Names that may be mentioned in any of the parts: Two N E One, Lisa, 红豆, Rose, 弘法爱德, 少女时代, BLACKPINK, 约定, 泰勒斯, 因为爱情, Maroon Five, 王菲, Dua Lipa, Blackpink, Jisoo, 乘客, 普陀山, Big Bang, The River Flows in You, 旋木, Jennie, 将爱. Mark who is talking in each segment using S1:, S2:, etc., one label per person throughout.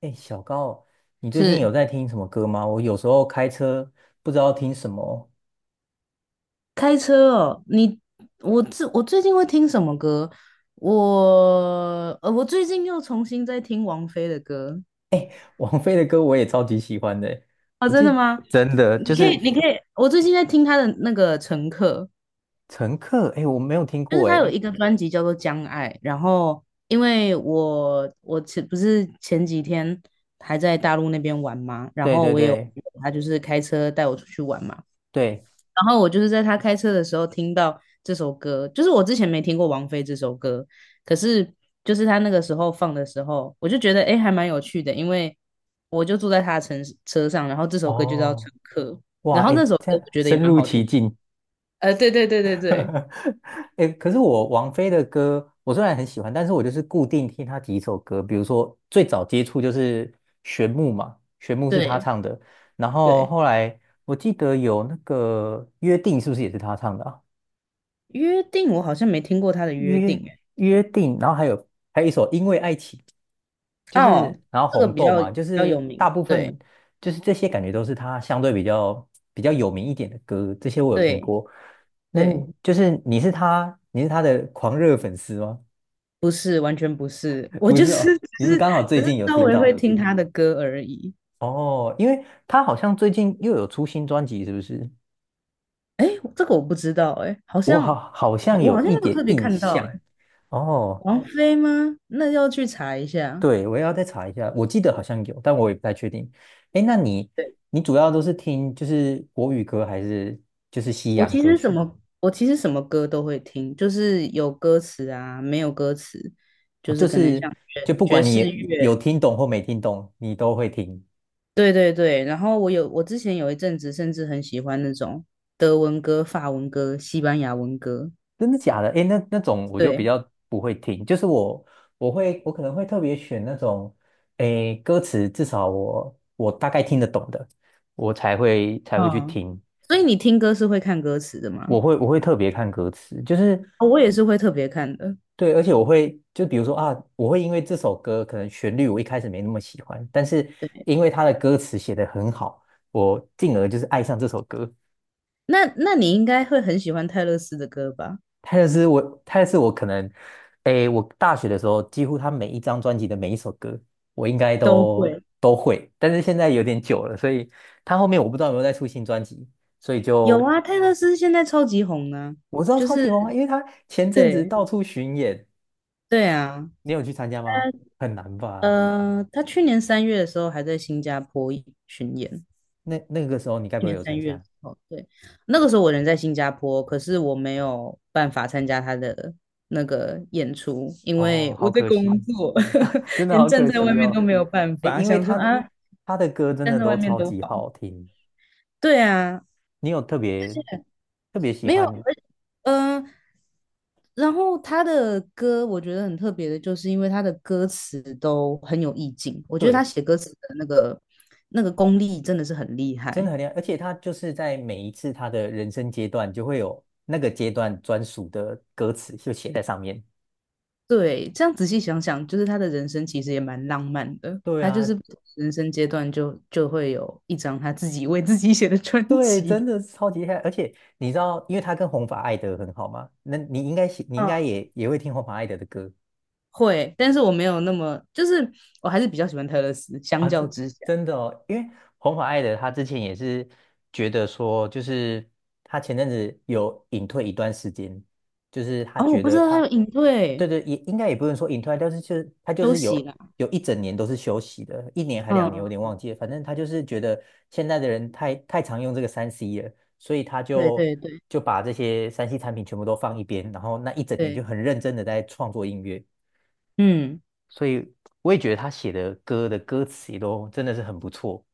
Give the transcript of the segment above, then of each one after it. S1: 哎，小高，你最近
S2: 是
S1: 有在听什么歌吗？我有时候开车不知道听什么。
S2: 开车哦，你我最近会听什么歌？我最近又重新在听王菲的歌。
S1: 王菲的歌我也超级喜欢的欸，
S2: 哦，
S1: 我
S2: 真的
S1: 记
S2: 吗？
S1: 真的
S2: 你
S1: 就
S2: 可以，
S1: 是
S2: 你可以，我最近在听她的那个《乘客》，
S1: 《乘客》，哎，我没有听
S2: 就是
S1: 过
S2: 她有
S1: 哎。
S2: 一个专辑叫做《将爱》，然后因为我不是前几天还在大陆那边玩嘛，然
S1: 对
S2: 后
S1: 对
S2: 我也有
S1: 对
S2: 他就是开车带我出去玩嘛，
S1: 对。
S2: 然后我就是在他开车的时候听到这首歌，就是我之前没听过王菲这首歌，可是就是他那个时候放的时候，我就觉得哎还蛮有趣的，因为我就坐在他的车上，然后这首歌就叫
S1: 哦，
S2: 《乘客》，
S1: 哇，
S2: 然后那
S1: 哎，
S2: 首歌
S1: 这样
S2: 我觉得也
S1: 深
S2: 蛮
S1: 入
S2: 好听。
S1: 其境。
S2: 对对对对对，
S1: 哎，可是我王菲的歌，我虽然很喜欢，但是我就是固定听她几首歌，比如说最早接触就是《旋木》嘛，《旋木》是她
S2: 对
S1: 唱的，然后
S2: 对，
S1: 后来我记得有那个《约定》，是不是也是她唱的啊？
S2: 约定我好像没听过他的约定
S1: 约
S2: 诶。
S1: 约定，然后还有一首《因为爱情》就
S2: 哦，
S1: 是，然后
S2: 这个
S1: 红
S2: 比
S1: 豆
S2: 较比
S1: 嘛，就
S2: 较
S1: 是
S2: 有名，
S1: 大部
S2: 对
S1: 分就是这些感觉都是他相对比较有名一点的歌，这些我有听
S2: 对
S1: 过。那你
S2: 对，
S1: 你是他的狂热粉丝吗？
S2: 不是完全不是，我
S1: 不
S2: 就
S1: 是
S2: 是
S1: 哦，你
S2: 只
S1: 是
S2: 是
S1: 刚好最
S2: 只是
S1: 近有
S2: 稍
S1: 听
S2: 微会
S1: 到。
S2: 听他的歌而已。
S1: 哦，因为他好像最近又有出新专辑，是不是？
S2: 哎，这个我不知道，哎，好
S1: 我
S2: 像
S1: 好
S2: 好
S1: 像
S2: 我
S1: 有
S2: 好像
S1: 一
S2: 没有
S1: 点
S2: 特别
S1: 印
S2: 看到，
S1: 象。
S2: 哎，
S1: 哦。
S2: 王菲吗？那要去查一下。
S1: 对，我也要再查一下，我记得好像有，但我也不太确定。哎，那你
S2: 对，
S1: 你主要都是听就是国语歌还是就是西
S2: 我
S1: 洋
S2: 其
S1: 歌
S2: 实什
S1: 曲？
S2: 么我其实什么歌都会听，就是有歌词啊，没有歌词，
S1: 哦，
S2: 就是
S1: 就
S2: 可能
S1: 是
S2: 像
S1: 就
S2: 爵
S1: 不
S2: 爵
S1: 管你
S2: 士乐，
S1: 也有听懂或没听懂，你都会听。
S2: 对对对。然后我之前有一阵子甚至很喜欢那种德文歌、法文歌、西班牙文歌，
S1: 真的假的？哎，那那种我就比
S2: 对，
S1: 较不会听，就是我我可能会特别选那种，哎，歌词至少我大概听得懂的，我才会去
S2: 嗯。
S1: 听。
S2: 所以你听歌是会看歌词的吗？
S1: 我会特别看歌词，就是
S2: 哦，我也是会特别看的。
S1: 对，而且我会，就比如说啊，我会因为这首歌可能旋律我一开始没那么喜欢，但是因为它的歌词写得很好，我进而就是爱上这首歌。
S2: 那你应该会很喜欢泰勒斯的歌吧？
S1: 它就是我可能，诶，我大学的时候几乎他每一张专辑的每一首歌，我应该
S2: 都会
S1: 都会，但是现在有点久了，所以他后面我不知道有没有再出新专辑，所以
S2: 有
S1: 就
S2: 啊，泰勒斯现在超级红呢、
S1: 我知道
S2: 就
S1: 超
S2: 是
S1: 级红啊，因为他前阵子
S2: 对
S1: 到处巡演，
S2: 对啊，
S1: 你有去参加吗？很难吧？
S2: 他去年三月的时候还在新加坡巡演。
S1: 那那个时候你该不
S2: 去
S1: 会
S2: 年
S1: 有
S2: 三
S1: 参
S2: 月的
S1: 加？
S2: 时候，对，那个时候我人在新加坡，可是我没有办法参加他的那个演出，因
S1: 哦，
S2: 为我
S1: 好
S2: 在
S1: 可
S2: 工
S1: 惜。
S2: 作，
S1: 啊，真 的
S2: 连
S1: 好
S2: 站
S1: 可
S2: 在外
S1: 惜
S2: 面
S1: 哦。
S2: 都没有办
S1: 哎，
S2: 法，
S1: 因为
S2: 想说
S1: 他的
S2: 啊，
S1: 歌真
S2: 站
S1: 的
S2: 在外
S1: 都
S2: 面
S1: 超
S2: 都
S1: 级
S2: 好。
S1: 好听，
S2: 对啊，
S1: 你有特别特别喜
S2: 没有，
S1: 欢？
S2: 嗯，然后他的歌我觉得很特别的，就是因为他的歌词都很有意境，我觉得他
S1: 对，
S2: 写歌词的那个功力真的是很厉
S1: 真的
S2: 害。
S1: 很厉害，而且他就是在每一次他的人生阶段，就会有那个阶段专属的歌词就写在上面。
S2: 对，这样仔细想想，就是他的人生其实也蛮浪漫的，
S1: 对
S2: 他就
S1: 啊，
S2: 是不同人生阶段就会有一张他自己为自己写的专
S1: 对，真
S2: 辑。
S1: 的是超级厉害。而且你知道，因为他跟弘法爱德很好嘛，那你应该你应
S2: 嗯，
S1: 该 也也会听弘法爱德的歌。
S2: 会，但是我没有那么，就是我还是比较喜欢泰勒斯，相
S1: 啊，
S2: 较
S1: 这
S2: 之下。
S1: 真的哦，因为红发爱的他之前也是觉得说，就是他前阵子有隐退一段时间，就是他
S2: 哦，我
S1: 觉
S2: 不知
S1: 得
S2: 道他有
S1: 他，
S2: 隐
S1: 对
S2: 退
S1: 对，也应该也不能说隐退，但是就是他就
S2: 休
S1: 是
S2: 息
S1: 有
S2: 啦。
S1: 有一整年都是休息的，一年还两年，我有
S2: 嗯
S1: 点
S2: 嗯，
S1: 忘记了，反正他就是觉得现在的人太常用这个三 C 了，所以他
S2: 对
S1: 就
S2: 对对。
S1: 就把这些三 C 产品全部都放一边，然后那一整年就
S2: 对，
S1: 很认真的在创作音乐。
S2: 嗯，
S1: 所以我也觉得他写的歌的歌词也都真的是很不错。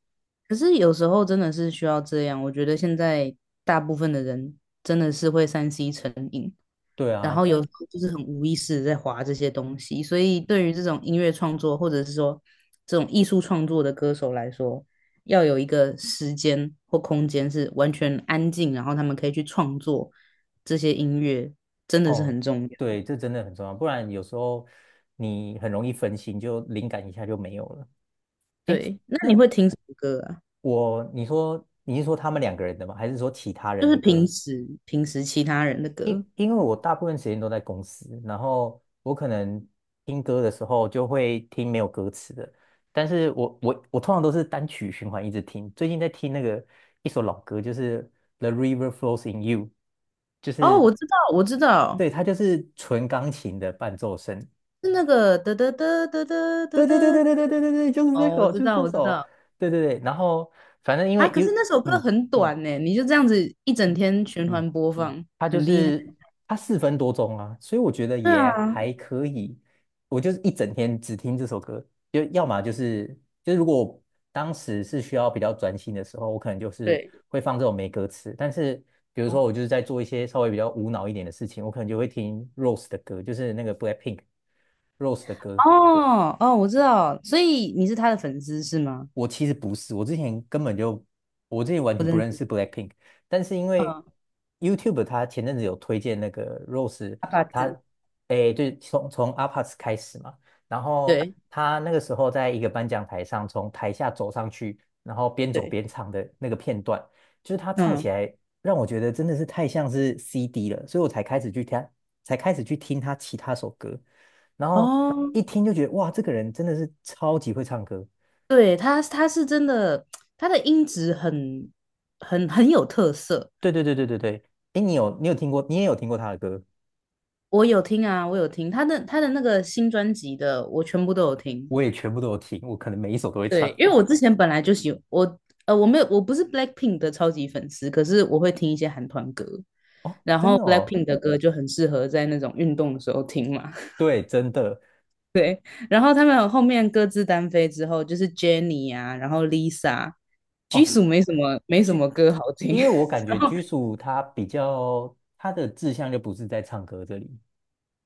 S2: 可是有时候真的是需要这样。我觉得现在大部分的人真的是会3C 成瘾，
S1: 对
S2: 然
S1: 啊，
S2: 后有
S1: 但
S2: 时候就是很无意识地在划这些东西。所以对于这种音乐创作，或者是说这种艺术创作的歌手来说，要有一个时间或空间是完全安静，然后他们可以去创作这些音乐，真的是
S1: 哦，
S2: 很重要。
S1: 对，这真的很重要，不然有时候你很容易分心，就灵感一下就没有了。哎，
S2: 对，那你
S1: 那
S2: 会听什么歌啊？
S1: 我，你说你是说他们两个人的吗？还是说其他
S2: 就
S1: 人的
S2: 是平
S1: 歌？
S2: 时平时其他人的歌。
S1: 因为我大部分时间都在公司，然后我可能听歌的时候就会听没有歌词的，但是我通常都是单曲循环一直听。最近在听那个一首老歌，就是《The River Flows in You》,就
S2: 哦，
S1: 是
S2: 我知道，我知道。
S1: 对，它就是纯钢琴的伴奏声。
S2: 是那个得得得得得得
S1: 对对对对
S2: 得，
S1: 对对对对对，就是这
S2: 哦，我
S1: 首，
S2: 知
S1: 就是
S2: 道，
S1: 这
S2: 我知
S1: 首。
S2: 道
S1: 对对对，然后反正因
S2: 啊。
S1: 为
S2: 可
S1: 有，
S2: 是那首歌
S1: 嗯
S2: 很短呢，你就这样子一
S1: u
S2: 整天循
S1: 嗯。
S2: 环播放，
S1: 它就
S2: 很厉害。
S1: 是它四分多钟啊，所以我觉得
S2: 对
S1: 也
S2: 啊，
S1: 还可以。我就是一整天只听这首歌，就要么就是就是如果当时是需要比较专心的时候，我可能就是
S2: 对，
S1: 会放这种没歌词。但是比如说我就是在做一些稍微比较无脑一点的事情，我可能就会听 Rose 的歌，就是那个 BLACKPINK Rose 的歌。
S2: 哦哦，我知道，所以你是他的粉丝是吗？
S1: 我其实不是，我之前根本就，我之前完
S2: 我
S1: 全不
S2: 认
S1: 认
S2: 识，
S1: 识 BLACKPINK,但是因为
S2: 嗯，
S1: YouTube 它前阵子有推荐那个 Rose,
S2: 阿帕子，
S1: 他诶，对，从 apas 开始嘛，然后
S2: 对
S1: 他那个时候在一个颁奖台上，从台下走上去，然后边 走
S2: 对，
S1: 边唱的那个片段，就是他唱起
S2: 嗯，
S1: 来让我觉得真的是太像是 CD 了，所以我才开始去听，才开始去听他其他首歌，然后
S2: 哦，
S1: 一听就觉得哇，这个人真的是超级会唱歌。
S2: 对，他是真的，他的音质很有特色。
S1: 对对对对对对，哎，你有听过，你也有听过他的歌？
S2: 我有听啊，我有听他的那个新专辑的，我全部都有听。
S1: 我也全部都有听，我可能每一首都会
S2: 对，
S1: 唱。
S2: 因为我之前本来就喜我呃我没有我不是 Blackpink 的超级粉丝，可是我会听一些韩团歌，
S1: 哦，
S2: 然
S1: 真
S2: 后
S1: 的哦，
S2: Blackpink 的歌就很适合在那种运动的时候听嘛。
S1: 对，真的
S2: 然后他们后面各自单飞之后，就是 Jennie 啊，然后 Lisa。
S1: 哦，
S2: Jisoo 没什么
S1: 居，
S2: 歌好听，
S1: 因为我感 觉
S2: 然后
S1: 居属他比较他的志向就不是在唱歌这里，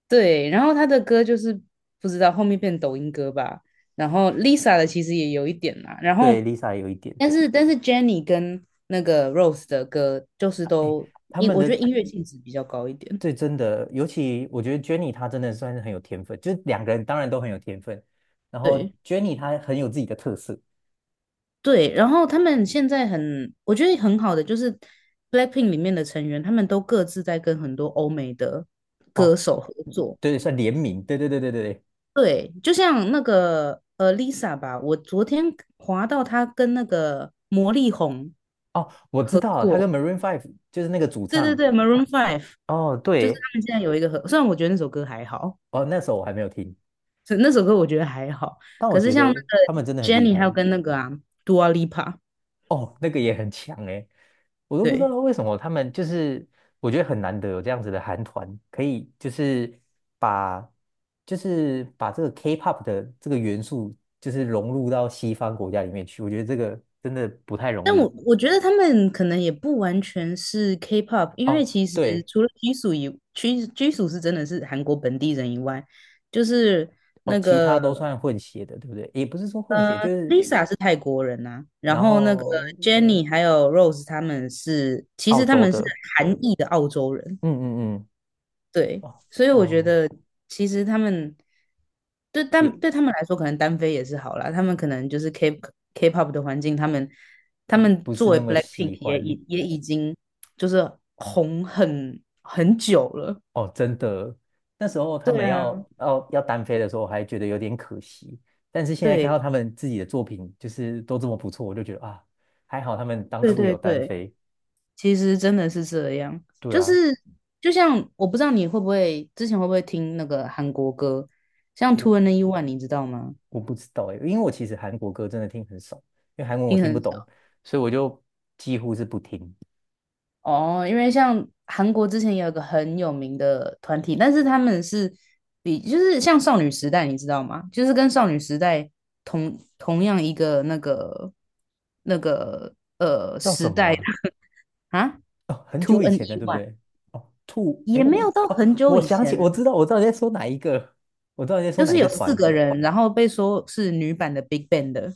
S2: 对，然后他的歌就是不知道后面变抖音歌吧，然后 Lisa 的其实也有一点啦，然
S1: 对
S2: 后
S1: ，Lisa 也有一点，
S2: 但是 Jennie 跟那个 Rose 的歌就是
S1: 哎他们
S2: 我觉得
S1: 的
S2: 音乐性质比较高一点。
S1: 对真的，尤其我觉得 Jennie 她真的算是很有天分，就是两个人当然都很有天分，然后
S2: 对
S1: Jennie 她很有自己的特色
S2: 对，然后他们现在很，我觉得很好的就是 Blackpink 里面的成员，他们都各自在跟很多欧美的
S1: 哦，
S2: 歌手合
S1: 嗯
S2: 作。
S1: 对，算联名，对对对对对
S2: 对，就像那个Lisa 吧，我昨天滑到她跟那个魔力红
S1: 哦，我知
S2: 合
S1: 道，他跟
S2: 作，
S1: Maroon Five 就是那个主
S2: 对对
S1: 唱。
S2: 对，Maroon Five，
S1: 哦，
S2: 就是
S1: 对，
S2: 他们现在有一个合，虽然我觉得那首歌还好，
S1: 哦，那时候我还没有听，
S2: 是那首歌我觉得还好，
S1: 但我
S2: 可是
S1: 觉
S2: 像那
S1: 得他们
S2: 个
S1: 真的很
S2: j e n
S1: 厉
S2: n y
S1: 害。
S2: 还有跟那个啊 Dua Lipa，
S1: 哦，那个也很强诶，我都不知道
S2: 对，
S1: 为什么他们就是，我觉得很难得有这样子的韩团，可以就是把就是把这个 K-pop 的这个元素，就是融入到西方国家里面去。我觉得这个真的不太容
S2: 但我
S1: 易。
S2: 我觉得他们可能也不完全是 K-pop，因为
S1: 哦，
S2: 其实
S1: 对，
S2: 除了拘属拘属是真的是韩国本地人以外，就是
S1: 哦，
S2: 那
S1: 其他
S2: 个
S1: 都算混血的，对不对？也不是说混
S2: 呃
S1: 血，就是
S2: Lisa 是泰国人呐、啊然
S1: 然
S2: 后那个
S1: 后。
S2: j e n n y 还有 Rose 他们是其
S1: 澳
S2: 实他
S1: 洲
S2: 们是
S1: 的，
S2: 韩裔的澳洲人。
S1: 嗯嗯嗯，
S2: 对，
S1: 哦
S2: 所以我觉
S1: 哦，
S2: 得其实他们对但
S1: 也
S2: 对他们来说，可能单飞也是好啦。他们可能就是 K-pop 的环境，他们他
S1: 也
S2: 们
S1: 不是
S2: 作
S1: 那
S2: 为
S1: 么喜
S2: BLACKPINK 也
S1: 欢
S2: 已也已经就是红很久了。
S1: 哦，真的。那时候他
S2: 对
S1: 们
S2: 啊，
S1: 要单飞的时候，我还觉得有点可惜。但是现在看
S2: 对
S1: 到他们自己的作品，就是都这么不错，我就觉得啊，还好他们当
S2: 对嗯
S1: 初
S2: 对
S1: 有单
S2: 对，
S1: 飞。
S2: 其实真的是这样，
S1: 对
S2: 就是
S1: 啊，
S2: 就像我不知道你会不会之前会不会听那个韩国歌，像 Two
S1: 我
S2: and One，你知道吗？
S1: 我不知道哎，因为我其实韩国歌真的听很少，因为韩文我
S2: 听
S1: 听不
S2: 很
S1: 懂，
S2: 少。
S1: 所以我就几乎是不听。
S2: 哦，因为像韩国之前也有个很有名的团体，但是他们是就是像少女时代，你知道吗？就是跟少女时代同样一个那个
S1: 叫什么啊？
S2: 啊
S1: 哦，很
S2: ，Two
S1: 久以
S2: N
S1: 前的，
S2: E
S1: 对不
S2: One
S1: 对？哦，兔，
S2: 也
S1: 哎，
S2: 没有到
S1: 哦，
S2: 很久
S1: 我
S2: 以
S1: 想起，我
S2: 前，
S1: 知道，我知道你在说哪一个，我知道你在说
S2: 就
S1: 哪一
S2: 是
S1: 个
S2: 有四
S1: 团，
S2: 个人，然后被说是女版的 Big Bang 的。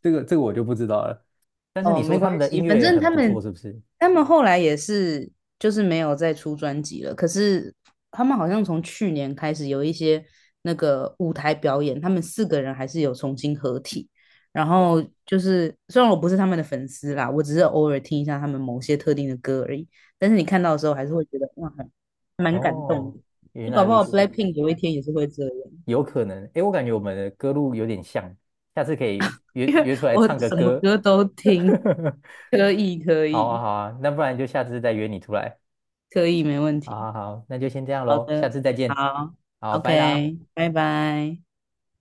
S1: 这个我就不知道了。但是
S2: 哦，
S1: 你说
S2: 没
S1: 他们
S2: 关
S1: 的音
S2: 系，反
S1: 乐也
S2: 正
S1: 很
S2: 他
S1: 不错，
S2: 们
S1: 是不是？
S2: 他们后来也是就是没有再出专辑了。可是他们好像从去年开始有一些那个舞台表演，他们四个人还是有重新合体。然
S1: 哦，
S2: 后就是虽然我不是他们的粉丝啦，我只是偶尔听一下他们某些特定的歌而已。但是你看到的时候还是会觉得哇，蛮感动
S1: 哦，
S2: 的。
S1: 原
S2: 就
S1: 来
S2: 搞不
S1: 如
S2: 好
S1: 此，
S2: BLACKPINK 有一天也是会这样，
S1: 有可能。哎，我感觉我们的歌路有点像，下次可以
S2: 因为
S1: 约出来
S2: 我
S1: 唱个
S2: 什么
S1: 歌。
S2: 歌都听，可以可
S1: 好啊，
S2: 以
S1: 好啊，那不然就下次再约你出来。
S2: 可以，没问题。
S1: 好好好，那就先这样喽，下次再见。
S2: 好
S1: 好，拜啦。
S2: ，OK，拜拜。